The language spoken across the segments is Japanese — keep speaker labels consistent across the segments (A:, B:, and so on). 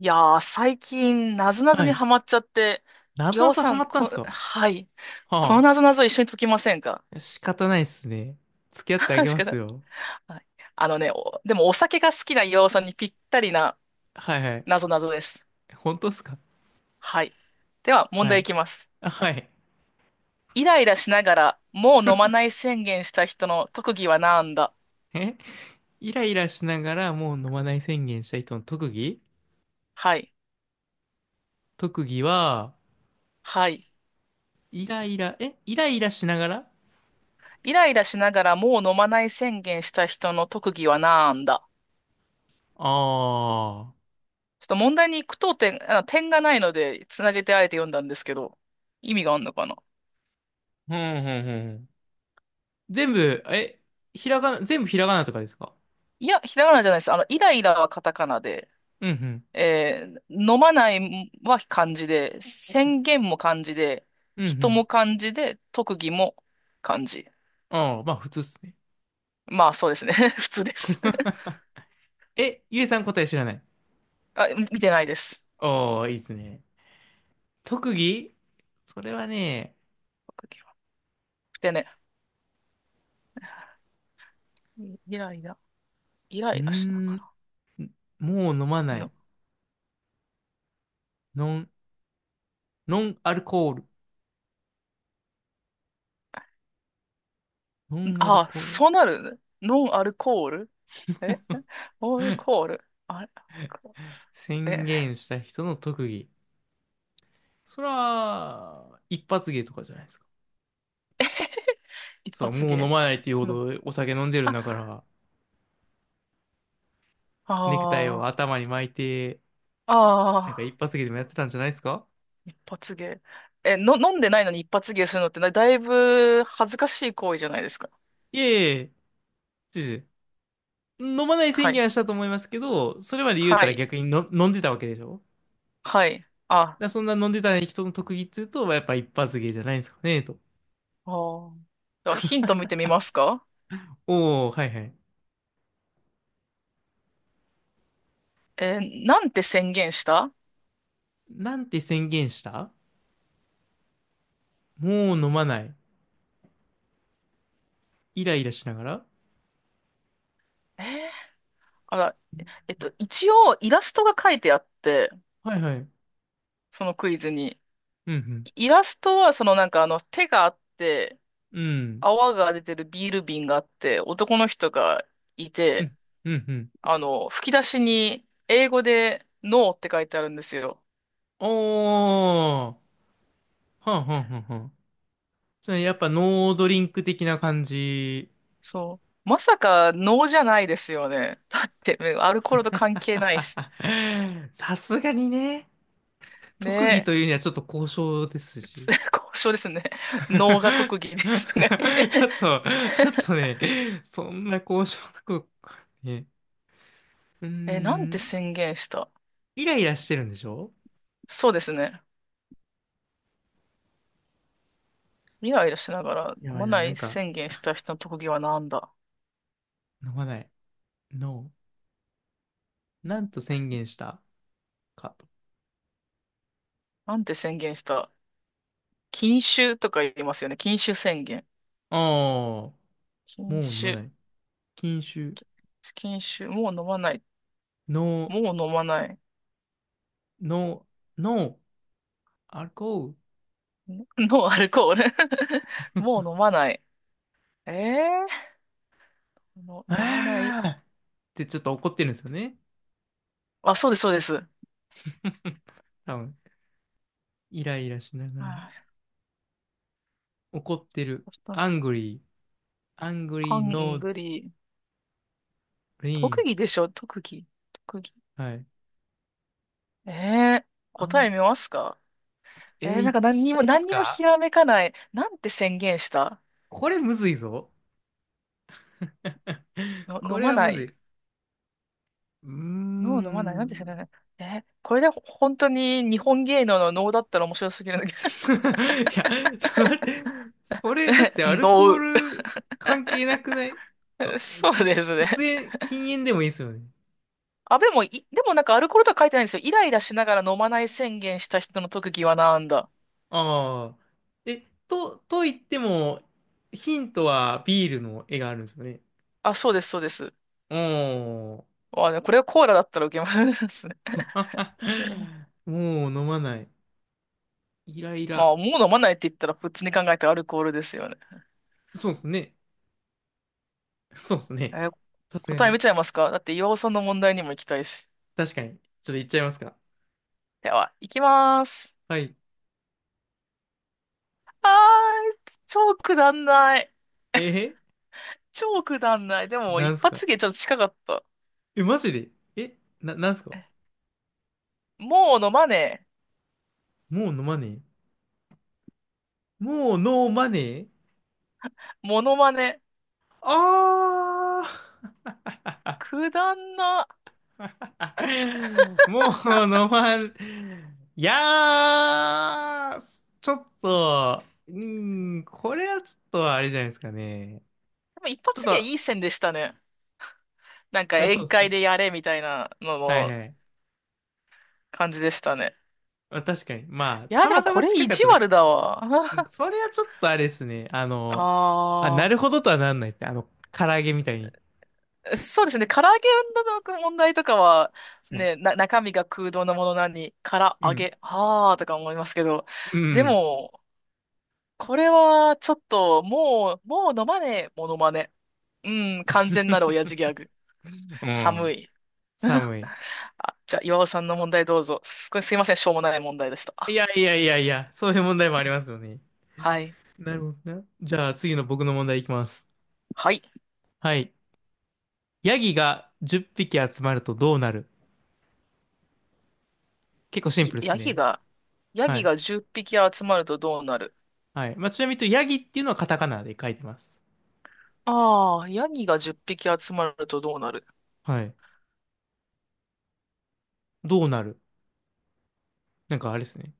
A: いやー、最近、なぞなぞ
B: は
A: に
B: い。
A: ハマっちゃって、
B: なぞ
A: 岩
B: な
A: 尾
B: ぞ
A: さ
B: ハ
A: ん、
B: マったんすか？
A: はい。この
B: は
A: なぞなぞ一緒に解きませんか？
B: あ。仕方ないっすね。付き 合ってあげ
A: 確
B: ま
A: か
B: す
A: に
B: よ。
A: はい。でもお酒が好きな岩尾さんにぴったりな
B: はいはい。
A: なぞなぞです。
B: 本当っすか？
A: はい。では、問
B: は
A: 題い
B: い。
A: きます。
B: あ、はい。
A: イライラしながら、もう飲まない宣言した人の特技はなんだ？
B: えイライラしながら、もう飲まない宣言した人の特技？
A: はい。
B: 特技は、
A: はい。
B: イライラ、イライラしながら。
A: イライラしながら、もう飲まない宣言した人の特技はなんだ？
B: ああー。
A: ちょっと問題に句読点、あ、点がないので、つなげてあえて読んだんですけど、意味があるのかな？
B: うんうんうん。全部、え、ひらがな、全部ひらがなとかですか？
A: いや、ひらがなじゃないです。あの、イライラはカタカナで、
B: うんうん。
A: 飲まないは漢字で、宣言も漢字で、
B: うんう
A: 人も
B: ん。
A: 漢字で、特技も漢字。
B: ああ、まあ普通っすね。
A: まあ、そうですね。普通です。
B: え、ゆえさん答え知らない？
A: あ、見てないです。
B: ああ、いいっすね。特技、それはね、
A: 特技は。でね、イライラ、イラ
B: うー
A: イラしなが
B: ん、もう飲ま
A: ら。
B: ない。
A: の、
B: ノン、ノンアルコール。ノンアル
A: あ、
B: コール。
A: そうなるノンアルコール？えアルコールあれアルコール？
B: 宣
A: え
B: 言した人の特技。それは、一発芸とかじゃないですか。
A: 一
B: そう、
A: 発
B: もう飲
A: 芸
B: まないっていうほ
A: の。
B: どお酒飲んでるん
A: あ、
B: だから、ネクタイを
A: あ
B: 頭に巻いて、
A: あ、あ
B: なんか一
A: あ、
B: 発芸でもやってたんじゃないですか？
A: 一発芸。え、飲んでないのに一発芸するのってなだいぶ恥ずかしい行為じゃないですか。
B: いえ、いえ、知事。飲まない
A: は
B: 宣
A: い。
B: 言はしたと思いますけど、それまで言うた
A: は
B: ら
A: い。
B: 逆にの飲んでたわけでしょ？
A: はい。あ、
B: だからそんな飲んでた人の特技っていうと、やっぱ一発芸じゃないんですかね、と。
A: あー、ではヒント見てみますか？
B: おお、はいはい。
A: えーなんて宣言した？
B: なんて宣言した？もう飲まない。イライラしながら。
A: えーあら、えっと、一応イラストが書いてあって、
B: はいはい。
A: そのクイズに。
B: うん、
A: イラストはそのなんかあの手があって、
B: うん。うん、
A: 泡が出てるビール瓶があって、男の人がいて、
B: うん、うん。
A: あの、吹き出しに英語でノーって書いてあるんですよ。
B: おー。はんはんはんはん。それやっぱノードリンク的な感じ。
A: そう。まさかノーじゃないですよね。だって、ねアルコールと関係ないし。
B: さすがにね。特技
A: ね
B: というにはちょっと交渉です
A: え、
B: し。
A: 交渉ですね。ノーが特技 ですね。
B: ちょっと、ちょっ とね、そんな交渉なこと、ね。うー
A: え、なんて
B: ん、
A: 宣言した？
B: イライラしてるんでしょ？
A: そうですね。イライラしながら
B: や
A: 飲
B: ば
A: ま
B: いな、
A: な
B: な
A: い
B: んか、
A: 宣言した人の特技はなんだ？
B: 飲まない。No。なんと宣言したかと。
A: なんて宣言した？禁酒とか言いますよね。禁酒宣言。
B: ああ、もう
A: 禁
B: 飲ま
A: 酒。
B: ない。禁酒。
A: 禁酒。もう飲まない。
B: No、
A: もう飲まない。
B: No、No、アルコール。
A: ノノンアルコール。 もう飲まない。ええ、の、飲まない。
B: ああ、ってちょっと怒ってるんですよね。
A: あ、そうです、そうです。
B: 多分、イライラしなが
A: あ
B: ら。
A: ー、
B: 怒ってる。
A: ちょっと
B: Angry、
A: ハ
B: Angry、
A: ン
B: No、
A: グリー。特
B: Drink。
A: 技でしょ、特技。特技。
B: はい。
A: ええ、
B: あ
A: 答
B: ん、
A: え見ますか？
B: え
A: ええ
B: ー、い
A: なん
B: っ
A: か
B: ちゃいま
A: 何
B: す
A: にもひ
B: か？
A: らめかない。なんて宣言した？
B: これむずいぞ。
A: の、
B: こ
A: 飲
B: れ
A: ま
B: は
A: な
B: むず
A: い。
B: い。うー
A: ノー飲まない。なんて宣言
B: ん。
A: した？えーこれで本当に日本芸能の能だったら面白すぎるんだけ
B: いや、それ、そ
A: ど。
B: れ、だっ てアルコー
A: ノ
B: ル関係なくない？
A: ー。
B: か、
A: そう
B: 喫、
A: です
B: 喫
A: ね。
B: 煙、禁煙でもいいですよね。
A: あ、でも、でもなんかアルコールとは書いてないんですよ。イライラしながら飲まない宣言した人の特技はなんだ。
B: ああ。え、と、と言っても、ヒントはビールの絵があるんですよね。
A: あ、そうです、そうです。
B: おー。
A: まあね、これはコーラだったら受けますね。いや、
B: もう飲まない。イライ
A: ま
B: ラ。
A: あ、もう飲まないって言ったら普通に考えてアルコールですよね。
B: そうですね。そうですね。
A: えー
B: さすが
A: 答え
B: に。
A: 見ちゃいますか？だって岩尾さんの問題にも行きたいし。
B: 確かに。ちょっと言っちゃいますか。
A: では、行きます。
B: はい。
A: あー、超くだんない。
B: え
A: 超くだんない。でも、
B: なん
A: 一
B: すか？
A: 発芸ちょっと近かった。
B: え、マジで？え、な、なんすか？
A: もう飲まねえ。
B: もう飲まねえ。もうノーマネー？
A: モノマネ。
B: ああ
A: くだんな。
B: ー、 もうノーマネー。いやー、ちょっと、うーん、これはちょっとあれじゃないですかね。
A: でも一
B: ちょっ
A: 発芸
B: と、
A: いい線でしたね。なんか
B: そう
A: 宴
B: っ
A: 会で
B: す。
A: やれみたいなの
B: はい
A: の
B: はい。
A: 感じでしたね。
B: あ、確かに。まあ、
A: いや、
B: た
A: で
B: ま
A: も
B: た
A: こ
B: ま
A: れ
B: 近
A: 意
B: かっ
A: 地
B: ただ
A: 悪
B: け。
A: だわ。
B: うん、 それはちょっとあれですね。あの、あ、な
A: あ
B: るほどとはなんないって。あの、唐揚げみたいに。
A: あ、そうですね。唐揚げの問題とかは、
B: はい。
A: 中身が空洞なものなのに、唐
B: う
A: 揚
B: ん。
A: げ、ああ、とか思いますけど、
B: う
A: で
B: ん。
A: も、これはちょっと、もう飲まねえ、モノマネ。うん、完全なる親父ギ ャグ。
B: うん。
A: 寒い。
B: 寒い。
A: あ、じゃあ、岩尾さんの問題どうぞ。これすいません、しょうもない問題でし
B: い
A: た。
B: やいやいやいや、そういう問題もあり ますよね。
A: はい。
B: なるほどな。じゃあ次の僕の問題いきます。
A: はい。
B: はい。ヤギが10匹集まるとどうなる？結構シンプルです
A: ヤギ
B: ね。
A: が、ヤ
B: は
A: ギ
B: い。
A: が10匹集まるとどうなる？
B: はい。まあ、ちなみに言うとヤギっていうのはカタカナで書いてます。
A: ああー、ヤギが10匹集まるとどうなる？
B: はい。どうなる？なんかあれですね。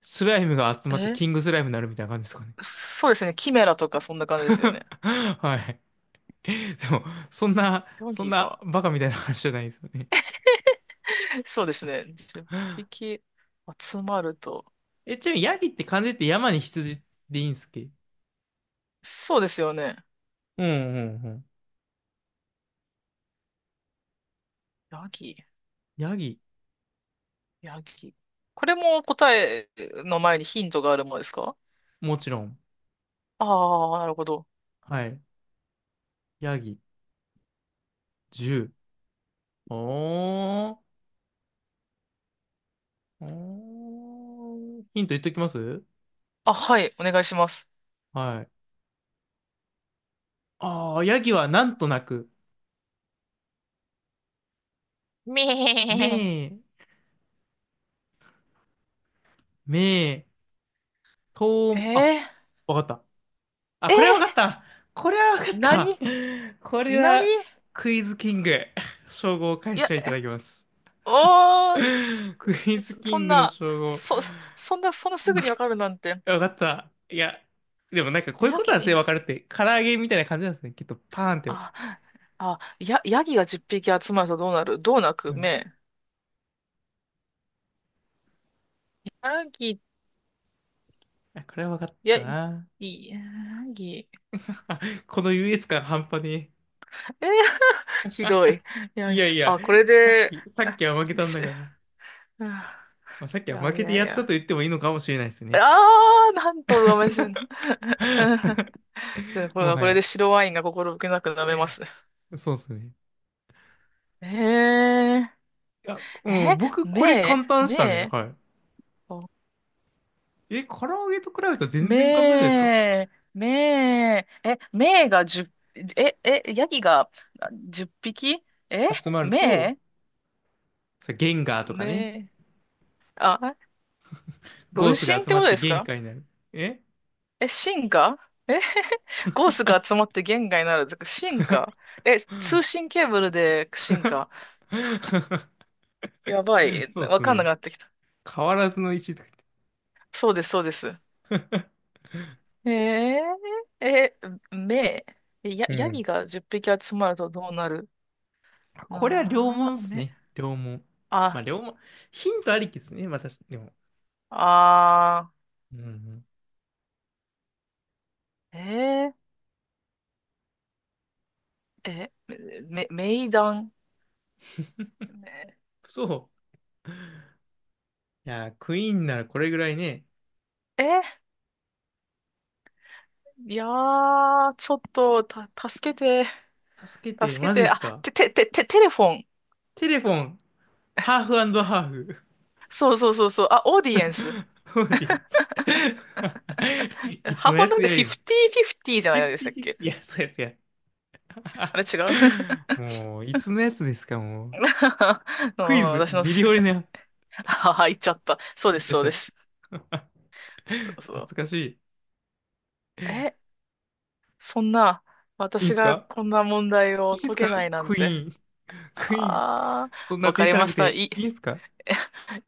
B: スライムが集まって
A: え、
B: キングスライムになるみたいな感じですかね。
A: そうですね。キメラとかそんな感じですよね。
B: はい。でも、そんな、
A: ヤギが。
B: バカみたいな話じゃないですよね。
A: そうですね。10匹集まると。
B: え、ちなみにヤギって漢字って山に羊でいいんすっけ？
A: そうですよね。
B: うんうんうん。
A: ヤギ、
B: ヤギ、
A: ヤギ。これも答えの前にヒントがあるものですか？
B: もちろん。
A: ああー、なるほど。
B: はい。ヤギ、10。おー。おー、ヒント言っときます。
A: あ、はい、お願いします。
B: はい。ああ、ヤギはなんとなく、
A: め
B: めー、めー、と
A: えー、
B: ー、あ、
A: え
B: わかった。あ、これはわかっ
A: ー、
B: た。これはわかった。
A: 何
B: これは
A: 何？
B: クイズキング。称号を返
A: い
B: し
A: や、
B: ていただきます。
A: おー、
B: クイズキ
A: そん
B: ングの
A: な、
B: 称号。
A: そ、そんな、そんなすぐにわかるなんて。
B: わかった。いや、でもなんかこういう
A: ヤ
B: こと
A: ギ、
B: はす
A: い
B: ね
A: や
B: わかるって、唐揚げみたいな感じなんですね。きっとパーンって。は
A: あ、ヤギが10匹集まるとどうなる？どうなく
B: い。
A: 目。ヤギ、
B: あ、これは分かっ
A: ヤ
B: た
A: ギ、
B: な。
A: ヤギ、
B: あ、この優越感半端ねえ。
A: えー、ひどい。いや
B: い
A: いや、
B: やいや、
A: あ、これ
B: さっ
A: で、
B: き、さっ
A: あ
B: きは負けたん
A: し、
B: だから。
A: あ、
B: まあ、さっき
A: い
B: は負
A: やい
B: けて
A: やい
B: やったと
A: や。
B: 言ってもいいのかもしれないです
A: あ
B: ね。
A: あ、なんと上目線の。で、これ
B: も
A: は
B: は
A: これ
B: や。
A: で白ワインが心置けなく舐めます。
B: そうですね。
A: えー、
B: いや、
A: え、
B: 僕これ
A: 目、
B: 簡単でしたね。
A: 目、
B: はい。え、唐揚げと比べたら全然簡単じゃないですか。
A: めー、めー、え、めーが10、え、え、ヤギがあ10匹、え、
B: 集まると、
A: め
B: さ、ゲンガー
A: ー、
B: とかね。
A: めー、あ、
B: ゴ
A: 分
B: ースが
A: 身っ
B: 集
A: て
B: ま
A: こ
B: っ
A: と
B: て
A: です
B: 限
A: か？
B: 界になる。え、
A: え、進化？え、ゴースが集まって言外なるってこと、進化？え、通信ケーブルで進化？ やばい、
B: そうで
A: わ
B: す
A: かんなく
B: ね。
A: なってきた。
B: 変わらずの石とか
A: そうです、そうです。
B: 言って。
A: えー、え、めー、や、
B: う
A: ヤ
B: ん、
A: ギが10匹集まるとどうなる？
B: これは両
A: な
B: 門っ
A: あ、
B: す
A: め、
B: ね。両門。まあ、
A: あ、
B: 両門。ヒントありきっすね。また、確かでも。
A: あー。
B: うんうん。
A: えー、え、め、名談。め
B: そう。いやー、クイーンならこれぐらいね。
A: え、いやー、ちょっと、助けて、
B: 助けて、
A: 助け
B: マジっ
A: て、
B: す
A: あ、
B: か。
A: て、て、て、て、テレフォン。
B: テレフォン、ハーフハーフ。
A: そうそうそうそう、あ、オーディエンス。
B: オーディエンス。
A: え
B: いつ
A: ハー
B: の
A: ファ
B: や
A: ンダム
B: つ
A: って
B: や言うん。
A: 50-50じゃ
B: フィ
A: ない
B: フ
A: でし
B: テ
A: た
B: ィ
A: っ
B: フィフテ
A: け？
B: ィ。いや、そうやつや。
A: あれ違う？
B: もう、いつのやつですか、もう。
A: うん、
B: クイズ、
A: 私の
B: ミ
A: す、
B: リオネア。
A: あは、言っちゃった。そう
B: 言
A: で
B: っ
A: す、
B: ちゃっ
A: そうで
B: た。
A: す。そう。
B: 懐かしい。
A: え、そんな、
B: いいん
A: 私
B: す
A: が
B: か？
A: こんな問題
B: い
A: を
B: いん
A: 解
B: すか？
A: けないなん
B: ク
A: て。
B: イーン。クイーン、
A: あー、
B: そんな
A: わか
B: 手
A: り
B: たら
A: ま
B: く
A: した。
B: て
A: いい、
B: いいんす か？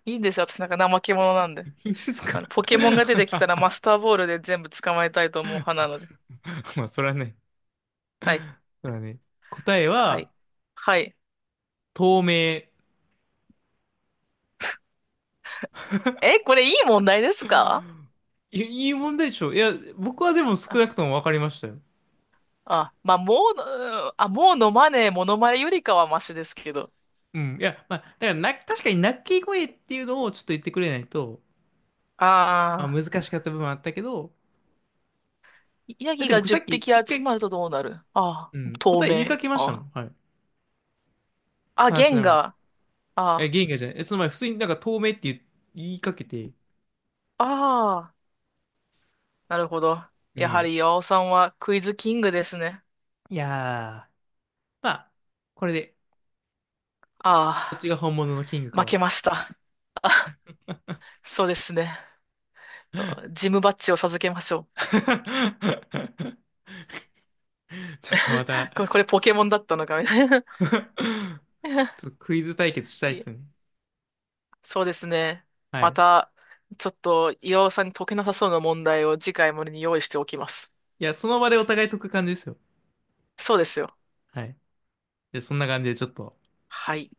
A: いいんですよ。私なんか怠け者なんで。
B: いいんすか？
A: あの、ポケモンが出てきたらマ スターボールで全部捕まえたいと思う派なので。
B: まあ、それはね、
A: はい。
B: それはね、答え
A: はい。
B: は、
A: はい。
B: 透明。
A: え、これいい問題ですか？
B: いいい問題でしょ？いや、僕はでも少なく
A: あ、
B: とも分かりましたよ。
A: あ、まあ、もうのマネー、モノマネよりかはマシですけど。
B: うん。いや、まあ、だからな、確かに鳴き声っていうのをちょっと言ってくれないと、まあ、
A: ああ、
B: 難しかった部分はあったけど、
A: ヤ
B: だっ
A: ギ
B: て
A: が
B: 僕さ
A: 10
B: っき
A: 匹
B: 一
A: 集
B: 回、
A: まるとどうなる？あ
B: う
A: あ、
B: ん、
A: 透
B: 答え言い
A: 明。
B: かけましたも
A: あ
B: ん。はい。
A: あ、あ
B: 話
A: ゲ
B: し
A: ン
B: ながら。
A: ガー。
B: え、
A: あ
B: ゲンガじゃない。え、その前、普通になんか透明って言いかけて、
A: あ、ああ、なるほど。
B: う
A: やは
B: ん。
A: り岩尾さんはクイズキングですね。
B: いやー、まあ、これで、どっち
A: ああ、
B: が本物のキングか
A: 負け
B: は。
A: ました。そうですね。ジムバッジを授けましょう。
B: ちょっとまた、
A: これ、これポケモンだったのかみたいな。
B: ち ょっとクイズ対決したいっ
A: いえ、
B: すね。
A: そうですね。
B: は
A: ま
B: い。
A: た、ちょっと岩尾さんに解けなさそうな問題を次回までに用意しておきます。
B: いや、その場でお互い解く感じですよ。
A: そうですよ。
B: はい。で、そんな感じでちょっと。
A: はい。